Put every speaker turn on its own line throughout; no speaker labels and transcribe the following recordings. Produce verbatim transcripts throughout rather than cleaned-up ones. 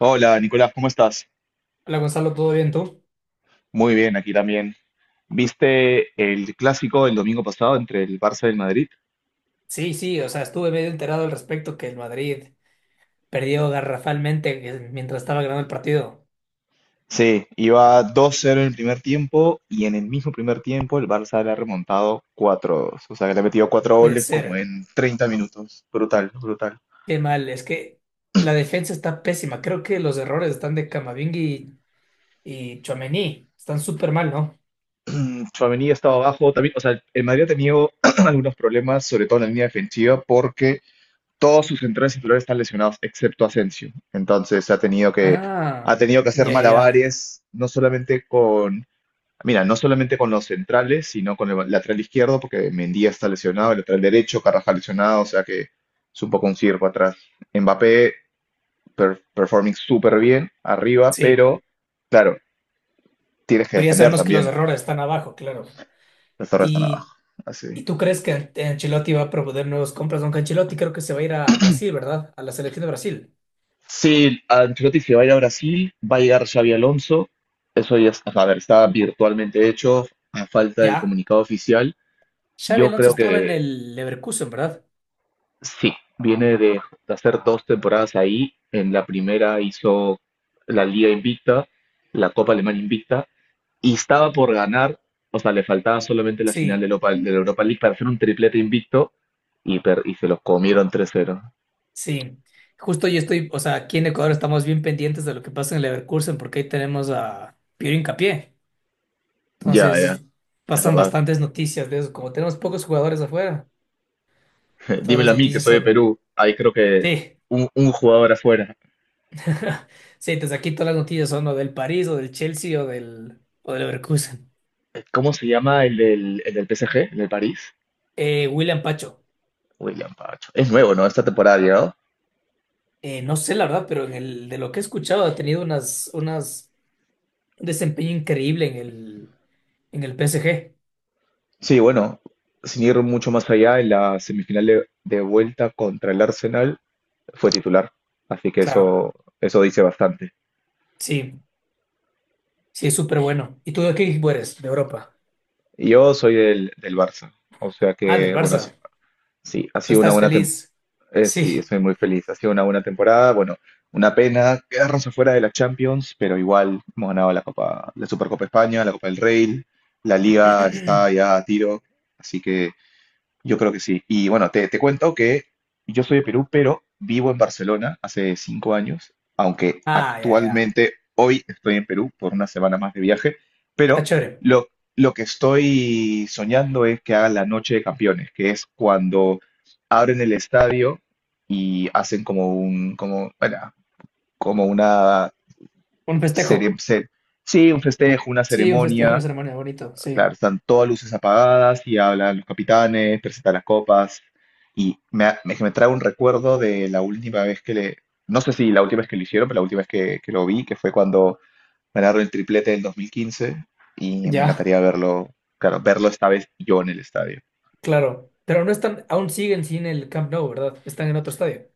Hola, Nicolás, ¿cómo estás?
Hola Gonzalo, ¿todo bien tú?
Muy bien, aquí también. ¿Viste el clásico el domingo pasado entre el Barça y el Madrid?
Sí, sí, o sea, estuve medio enterado al respecto que el Madrid perdió garrafalmente eh, mientras estaba ganando el partido.
Sí, iba dos cero en el primer tiempo y en el mismo primer tiempo el Barça le ha remontado cuatro dos. O sea que le ha metido cuatro
Puede
goles como
ser.
en treinta minutos. Brutal, brutal.
Qué mal, es que la defensa está pésima. Creo que los errores están de Camavinga y, y Tchouaméni. Están súper mal, ¿no?
Mm, Tchouaméni estaba estado abajo también. O sea, el Madrid ha tenido algunos problemas, sobre todo en la línea defensiva, porque todos sus centrales titulares están lesionados, excepto Asensio. Entonces ha tenido que,
Ah,
ha tenido que hacer
ya, ya, ya.
malabares, no solamente con, mira, no solamente con los centrales, sino con el lateral izquierdo, porque Mendía está lesionado, el lateral derecho, Carvajal lesionado, o sea que es un poco un circo atrás. Mbappé per- performing súper bien arriba,
Sí,
pero claro, tienes que
pero ya
defender
sabemos que los
también,
errores están abajo, claro.
el Torres está
¿Y,
abajo. Así.
y tú crees que An- Ancelotti va a proponer nuevas compras? Aunque Ancelotti creo que se va a ir a Brasil, ¿verdad? A la selección de Brasil.
Sí, Ancelotti se va a ir a Brasil, va a llegar Xavi Alonso, eso ya está, a ver, está virtualmente hecho a falta del
¿Ya?
comunicado oficial.
Xavi
Yo
Alonso
creo
estaba en
que
el Leverkusen, ¿verdad?
sí, viene de, de hacer dos temporadas ahí, en la primera hizo la Liga Invicta, la Copa Alemana Invicta, y estaba por ganar, o sea, le faltaba solamente la final de,
Sí,
Lopa- de la Europa League para hacer un triplete invicto y, per- y se los comieron tres cero.
sí. Justo yo estoy, o sea, aquí en Ecuador estamos bien pendientes de lo que pasa en el Leverkusen porque ahí tenemos a Piero Hincapié.
Ya, ya,
Entonces,
es
pasan
verdad.
bastantes noticias de eso. Como tenemos pocos jugadores afuera, todas
Dímelo
las
a mí, que
noticias
soy de
son...
Perú. Ahí creo que
Sí,
un, un jugador afuera.
sí, desde aquí todas las noticias son o del París o del Chelsea o del, o del Leverkusen.
¿Cómo se llama el del, el del P S G, el del París?
Eh, William Pacho,
William Pacho. Es nuevo, ¿no? Esta temporada ha llegado.
eh, no sé la verdad, pero en el, de lo que he escuchado ha tenido unas, unas, un desempeño increíble en el, en el P S G.
Sí, bueno, sin ir mucho más allá, en la semifinal de, de vuelta contra el Arsenal fue titular, así que
Claro,
eso, eso dice bastante.
sí, sí, es súper bueno. ¿Y tú de qué equipo eres? De Europa.
Yo soy del, del Barça, o sea
Ah, del
que, bueno, sí,
Barça.
sí, ha
¿Tú
sido una
estás
buena temporada.
feliz?
Eh, sí,
Sí.
soy muy feliz. Ha sido una buena temporada. Bueno, una pena quedarnos afuera de la Champions, pero igual hemos ganado la Copa, la Supercopa España, la Copa del Rey, la Liga está ya a tiro, así que yo creo que sí. Y bueno, te, te cuento que yo soy de Perú, pero vivo en Barcelona hace cinco años, aunque
Ah, ya, ya. ya.
actualmente hoy estoy en Perú por una semana más de viaje,
Ah,
pero
chévere.
lo, lo que estoy soñando es que hagan la Noche de Campeones, que es cuando abren el estadio y hacen como un, como, bueno, como una
Un festejo.
serie, se- sí, un festejo, una
Sí, un festejo, una
ceremonia.
ceremonia bonito,
Claro,
sí.
están todas luces apagadas y hablan los capitanes, presentan las copas y me, ha- me, me trae un recuerdo de la última vez que le, no sé si la última vez que lo hicieron, pero la última vez que, que lo vi, que fue cuando ganaron el triplete del dos mil quince y me
Ya,
encantaría verlo, claro, verlo esta vez yo en el estadio.
claro. Pero no están, aún siguen sin el Camp Nou, ¿verdad? Están en otro estadio.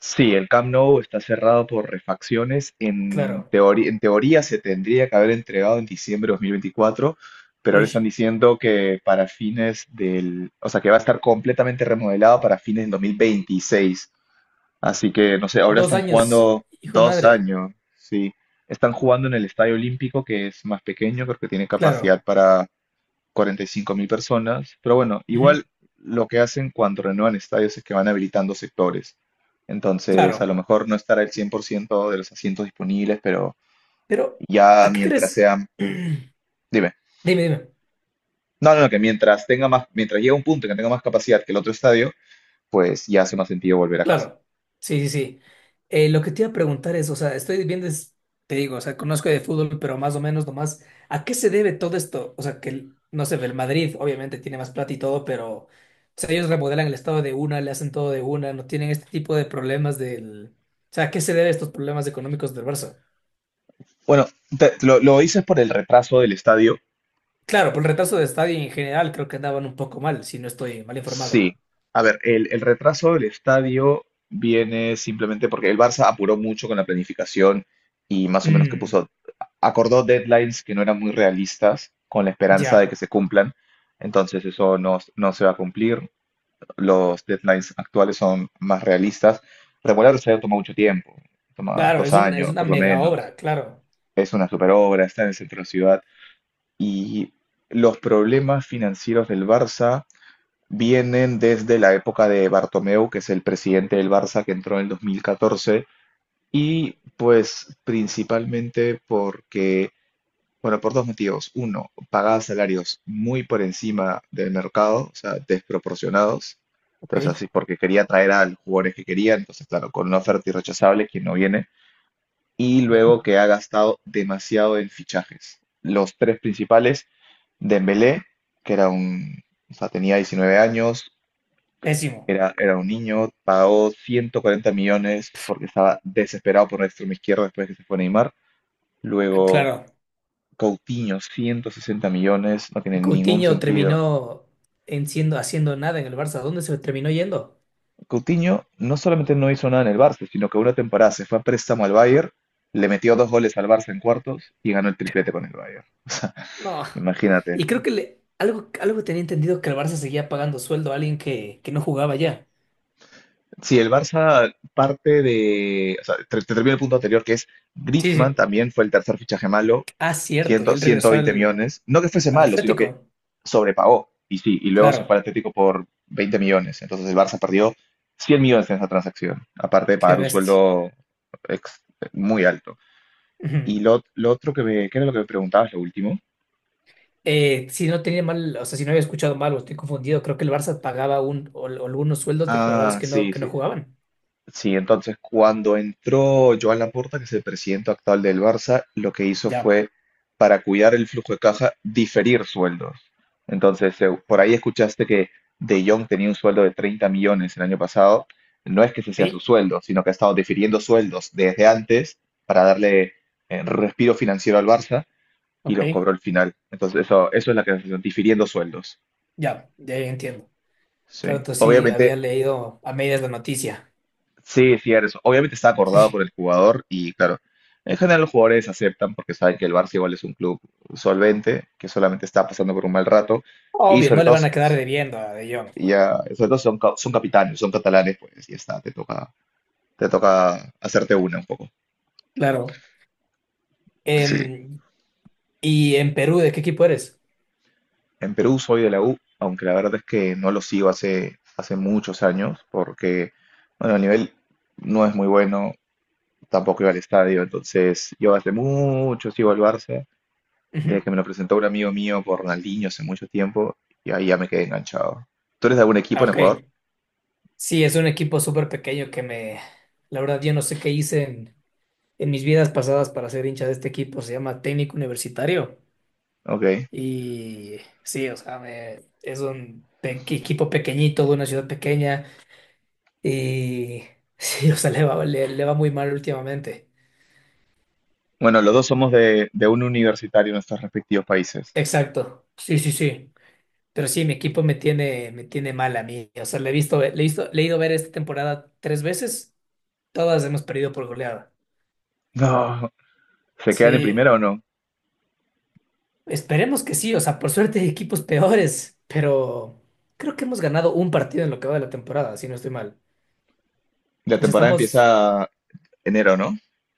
Sí, el Camp Nou está cerrado por refacciones. En
Claro.
teoría, en teoría se tendría que haber entregado en diciembre de dos mil veinticuatro, pero ahora están
Uy,
diciendo que para fines del, o sea, que va a estar completamente remodelado para fines del dos mil veintiséis. Así que, no sé, ahora
dos
están
años,
jugando
hijo de
dos
madre.
años, sí. Están jugando en el Estadio Olímpico, que es más pequeño, creo que tiene
Claro.
capacidad para cuarenta y cinco mil personas, pero bueno,
Ujú,
igual lo que hacen cuando renuevan estadios es que van habilitando sectores. Entonces, a lo
claro.
mejor no estará el cien por ciento de los asientos disponibles, pero
Pero,
ya
¿a qué
mientras
crees?
sean,
Dime,
dime,
dime.
no, no, no, que mientras tenga más, mientras llegue a un punto en que tenga más capacidad que el otro estadio, pues ya hace más sentido volver a casa.
Claro, sí, sí, sí. Eh, lo que te iba a preguntar es, o sea, estoy viendo, es- te digo, o sea, conozco de fútbol, pero más o menos nomás, ¿a qué se debe todo esto? O sea, que, el- no sé, el Madrid obviamente tiene más plata y todo, pero, o sea, ellos remodelan el estado de una, le hacen todo de una, no tienen este tipo de problemas del... O sea, ¿a qué se deben estos problemas económicos del Barça?
Bueno, te- lo, lo dices por el retraso del estadio.
Claro, por el retraso de estadio en general creo que andaban un poco mal, si no estoy mal informado.
Sí, a ver, el, el retraso del estadio viene simplemente porque el Barça apuró mucho con la planificación y más o menos que
Mm,
puso, acordó deadlines que no eran muy realistas con la esperanza de
ya,
que se cumplan. Entonces eso no, no se va a cumplir. Los deadlines actuales son más realistas. Remodelar el estadio toma mucho tiempo, toma
claro,
dos
es un, es
años
una
por lo
mega
menos.
obra, claro.
Es una super obra, está en el centro de la ciudad y los problemas financieros del Barça vienen desde la época de Bartomeu, que es el presidente del Barça que entró en el dos mil catorce y pues principalmente porque, bueno, por dos motivos. Uno, pagaba salarios muy por encima del mercado, o sea, desproporcionados.
Ok,
Entonces, así, porque quería traer a los jugadores que quería, entonces, claro, con una oferta irrechazable, quien no viene. Y luego
ya.
que ha gastado demasiado en fichajes. Los tres principales, Dembélé, que era un, o sea, tenía diecinueve años,
Pésimo,
era, era un niño, pagó ciento cuarenta millones porque estaba desesperado por una extrema izquierda después de que se fue Neymar. Luego
claro.
Coutinho, ciento sesenta millones, no tiene ningún
Coutinho
sentido.
terminó en siendo, haciendo nada en el Barça. ¿Dónde se terminó yendo?
Coutinho no solamente no hizo nada en el Barça, sino que una temporada se fue a préstamo al Bayern, le metió dos goles al Barça en cuartos y ganó el triplete con el Bayern.
No.
Imagínate.
Y creo que le- algo, algo tenía entendido que el Barça seguía pagando sueldo a alguien que, que no jugaba ya.
Sí, el Barça parte de, o sea, te, te termino el punto anterior que es
Sí,
Griezmann
sí.
también fue el tercer fichaje malo,
Ah,
cien,
cierto. Y él
ciento
regresó
veinte
al,
millones, no que fuese
al
malo, sino que
Atlético.
sobrepagó y sí, y luego
Claro.
se fue al Atlético por veinte millones, entonces el Barça perdió cien millones en esa transacción, aparte de
Qué
pagar un
bestia.
sueldo ex- muy alto.
Ujú.
Y lo, lo otro que me, ¿qué era lo que me preguntabas, lo último?
Eh, si no tenía mal, o sea, si no había escuchado mal o estoy confundido, creo que el Barça pagaba un, o- o algunos sueldos de jugadores
Ah,
que no,
sí,
que no
sí.
jugaban.
Sí, entonces cuando entró Joan Laporta, que es el presidente actual del Barça, lo que hizo
Ya.
fue, para cuidar el flujo de caja, diferir sueldos. Entonces, eh, por ahí escuchaste que De Jong tenía un sueldo de treinta millones el año pasado. No es que ese sea su
¿Sí?
sueldo, sino que ha estado difiriendo sueldos desde antes para darle eh, respiro financiero al Barça y los
Ok.
cobró al final. Entonces, eso, eso es la clasificación, difiriendo sueldos.
Ya. Ya entiendo.
Sí.
Claro, tú sí había
Obviamente,
leído a medias la noticia.
Sí, sí, eso. Obviamente está acordado por
Sí,
el jugador y claro, en general los jugadores aceptan porque saben que el Barça igual es un club solvente, que solamente está pasando por un mal rato y
obvio,
sobre
no le
todo,
van
s-
a quedar debiendo a De Jong,
ya, sobre todo son, ca- son capitanes, son catalanes, pues ya está, te toca, te toca hacerte una un poco.
claro.
Sí,
Em, ¿y en Perú, de qué equipo eres?
en Perú soy de la U, aunque la verdad es que no lo sigo hace, hace muchos años porque, bueno, el nivel no es muy bueno, tampoco iba al estadio, entonces yo hace mucho sigo al Barça desde
Ujú.
que me lo presentó un amigo mío por Ronaldinho hace mucho tiempo y ahí ya me quedé enganchado. ¿Tú eres de algún equipo
Ah,
en Ecuador?
ok. Sí, es un equipo súper pequeño que me... La verdad, yo no sé qué hice en, en mis vidas pasadas para ser hincha de este equipo. Se llama Técnico Universitario.
Ok.
Y sí, o sea, me- es un pe- equipo pequeñito de una ciudad pequeña. Y sí, o sea, le va, le le va muy mal últimamente.
Bueno, los dos somos de, de un universitario en nuestros respectivos países.
Exacto. Sí, sí, sí. Pero sí, mi equipo me tiene, me tiene mal a mí. O sea, le he visto, le he visto, le he ido a ver esta temporada tres veces. Todas hemos perdido por goleada.
No. ¿Se quedan en
Sí,
primera o no?
esperemos que sí. O sea, por suerte hay equipos peores, pero creo que hemos ganado un partido en lo que va de la temporada, si no estoy mal.
La
O sea,
temporada
estamos
empieza enero, ¿no?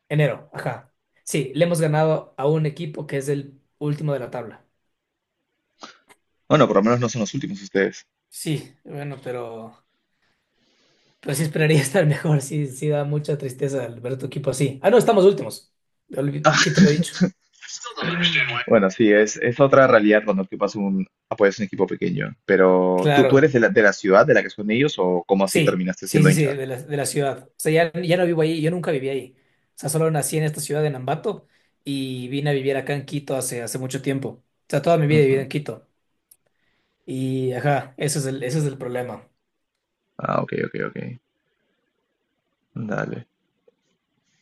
enero, ajá. Sí, le hemos ganado a un equipo que es el último de la tabla.
Bueno, por lo menos no son los últimos ustedes.
Sí, bueno, pero, pero sí esperaría estar mejor. Sí, sí da mucha tristeza al ver a tu equipo así. Ah, no, estamos últimos. Olvi- Quito lo dicho.
Bueno, sí, es, es otra realidad cuando tú pasas un, apoyas un equipo pequeño. Pero, ¿tú, tú eres
Claro.
de la, de la, ciudad de la que son ellos o cómo así
Sí,
terminaste
sí,
siendo
sí, sí,
hincha?
de la, de la ciudad. O sea, ya, ya no vivo ahí, yo nunca viví ahí. O sea, solo nací en esta ciudad de Nambato y vine a vivir acá en Quito hace, hace mucho tiempo. O sea, toda mi vida he vivido
Ujú.
en Quito. Y, ajá, ese es el, ese es el problema.
Ah, ok, ok, ok. Dale.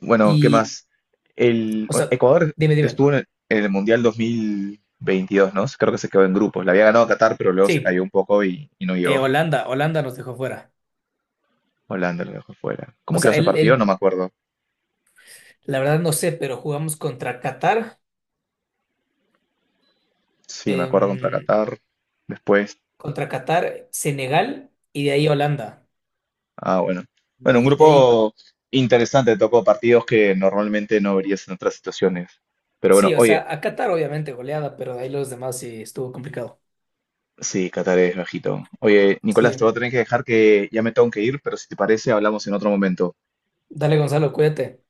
Bueno, ¿qué
Y,
más? El,
o
bueno,
sea,
Ecuador
dime, dime.
estuvo en el, en el Mundial dos mil veintidós, ¿no? Creo que se quedó en grupos. La había ganado Qatar, pero luego se
Sí,
cayó un poco y, y no
eh,
llegó.
Holanda, Holanda nos dejó fuera.
Holanda lo dejó fuera.
O
¿Cómo quedó
sea,
ese
él,
partido? No
él,
me acuerdo.
la verdad no sé, pero jugamos contra Qatar,
Sí, me acuerdo contra
em,
Qatar. Después,
contra Qatar, Senegal y de ahí Holanda.
ah, bueno. Bueno, un
Y de ahí
grupo interesante, tocó partidos que normalmente no verías en otras situaciones. Pero bueno,
sí, o
oye,
sea, a Qatar obviamente goleada, pero de ahí los demás sí estuvo complicado.
sí, Qatar es bajito. Oye, Nicolás, te voy a
Sí,
tener que dejar que ya me tengo que ir, pero si te parece, hablamos en otro momento.
dale Gonzalo, cuídate.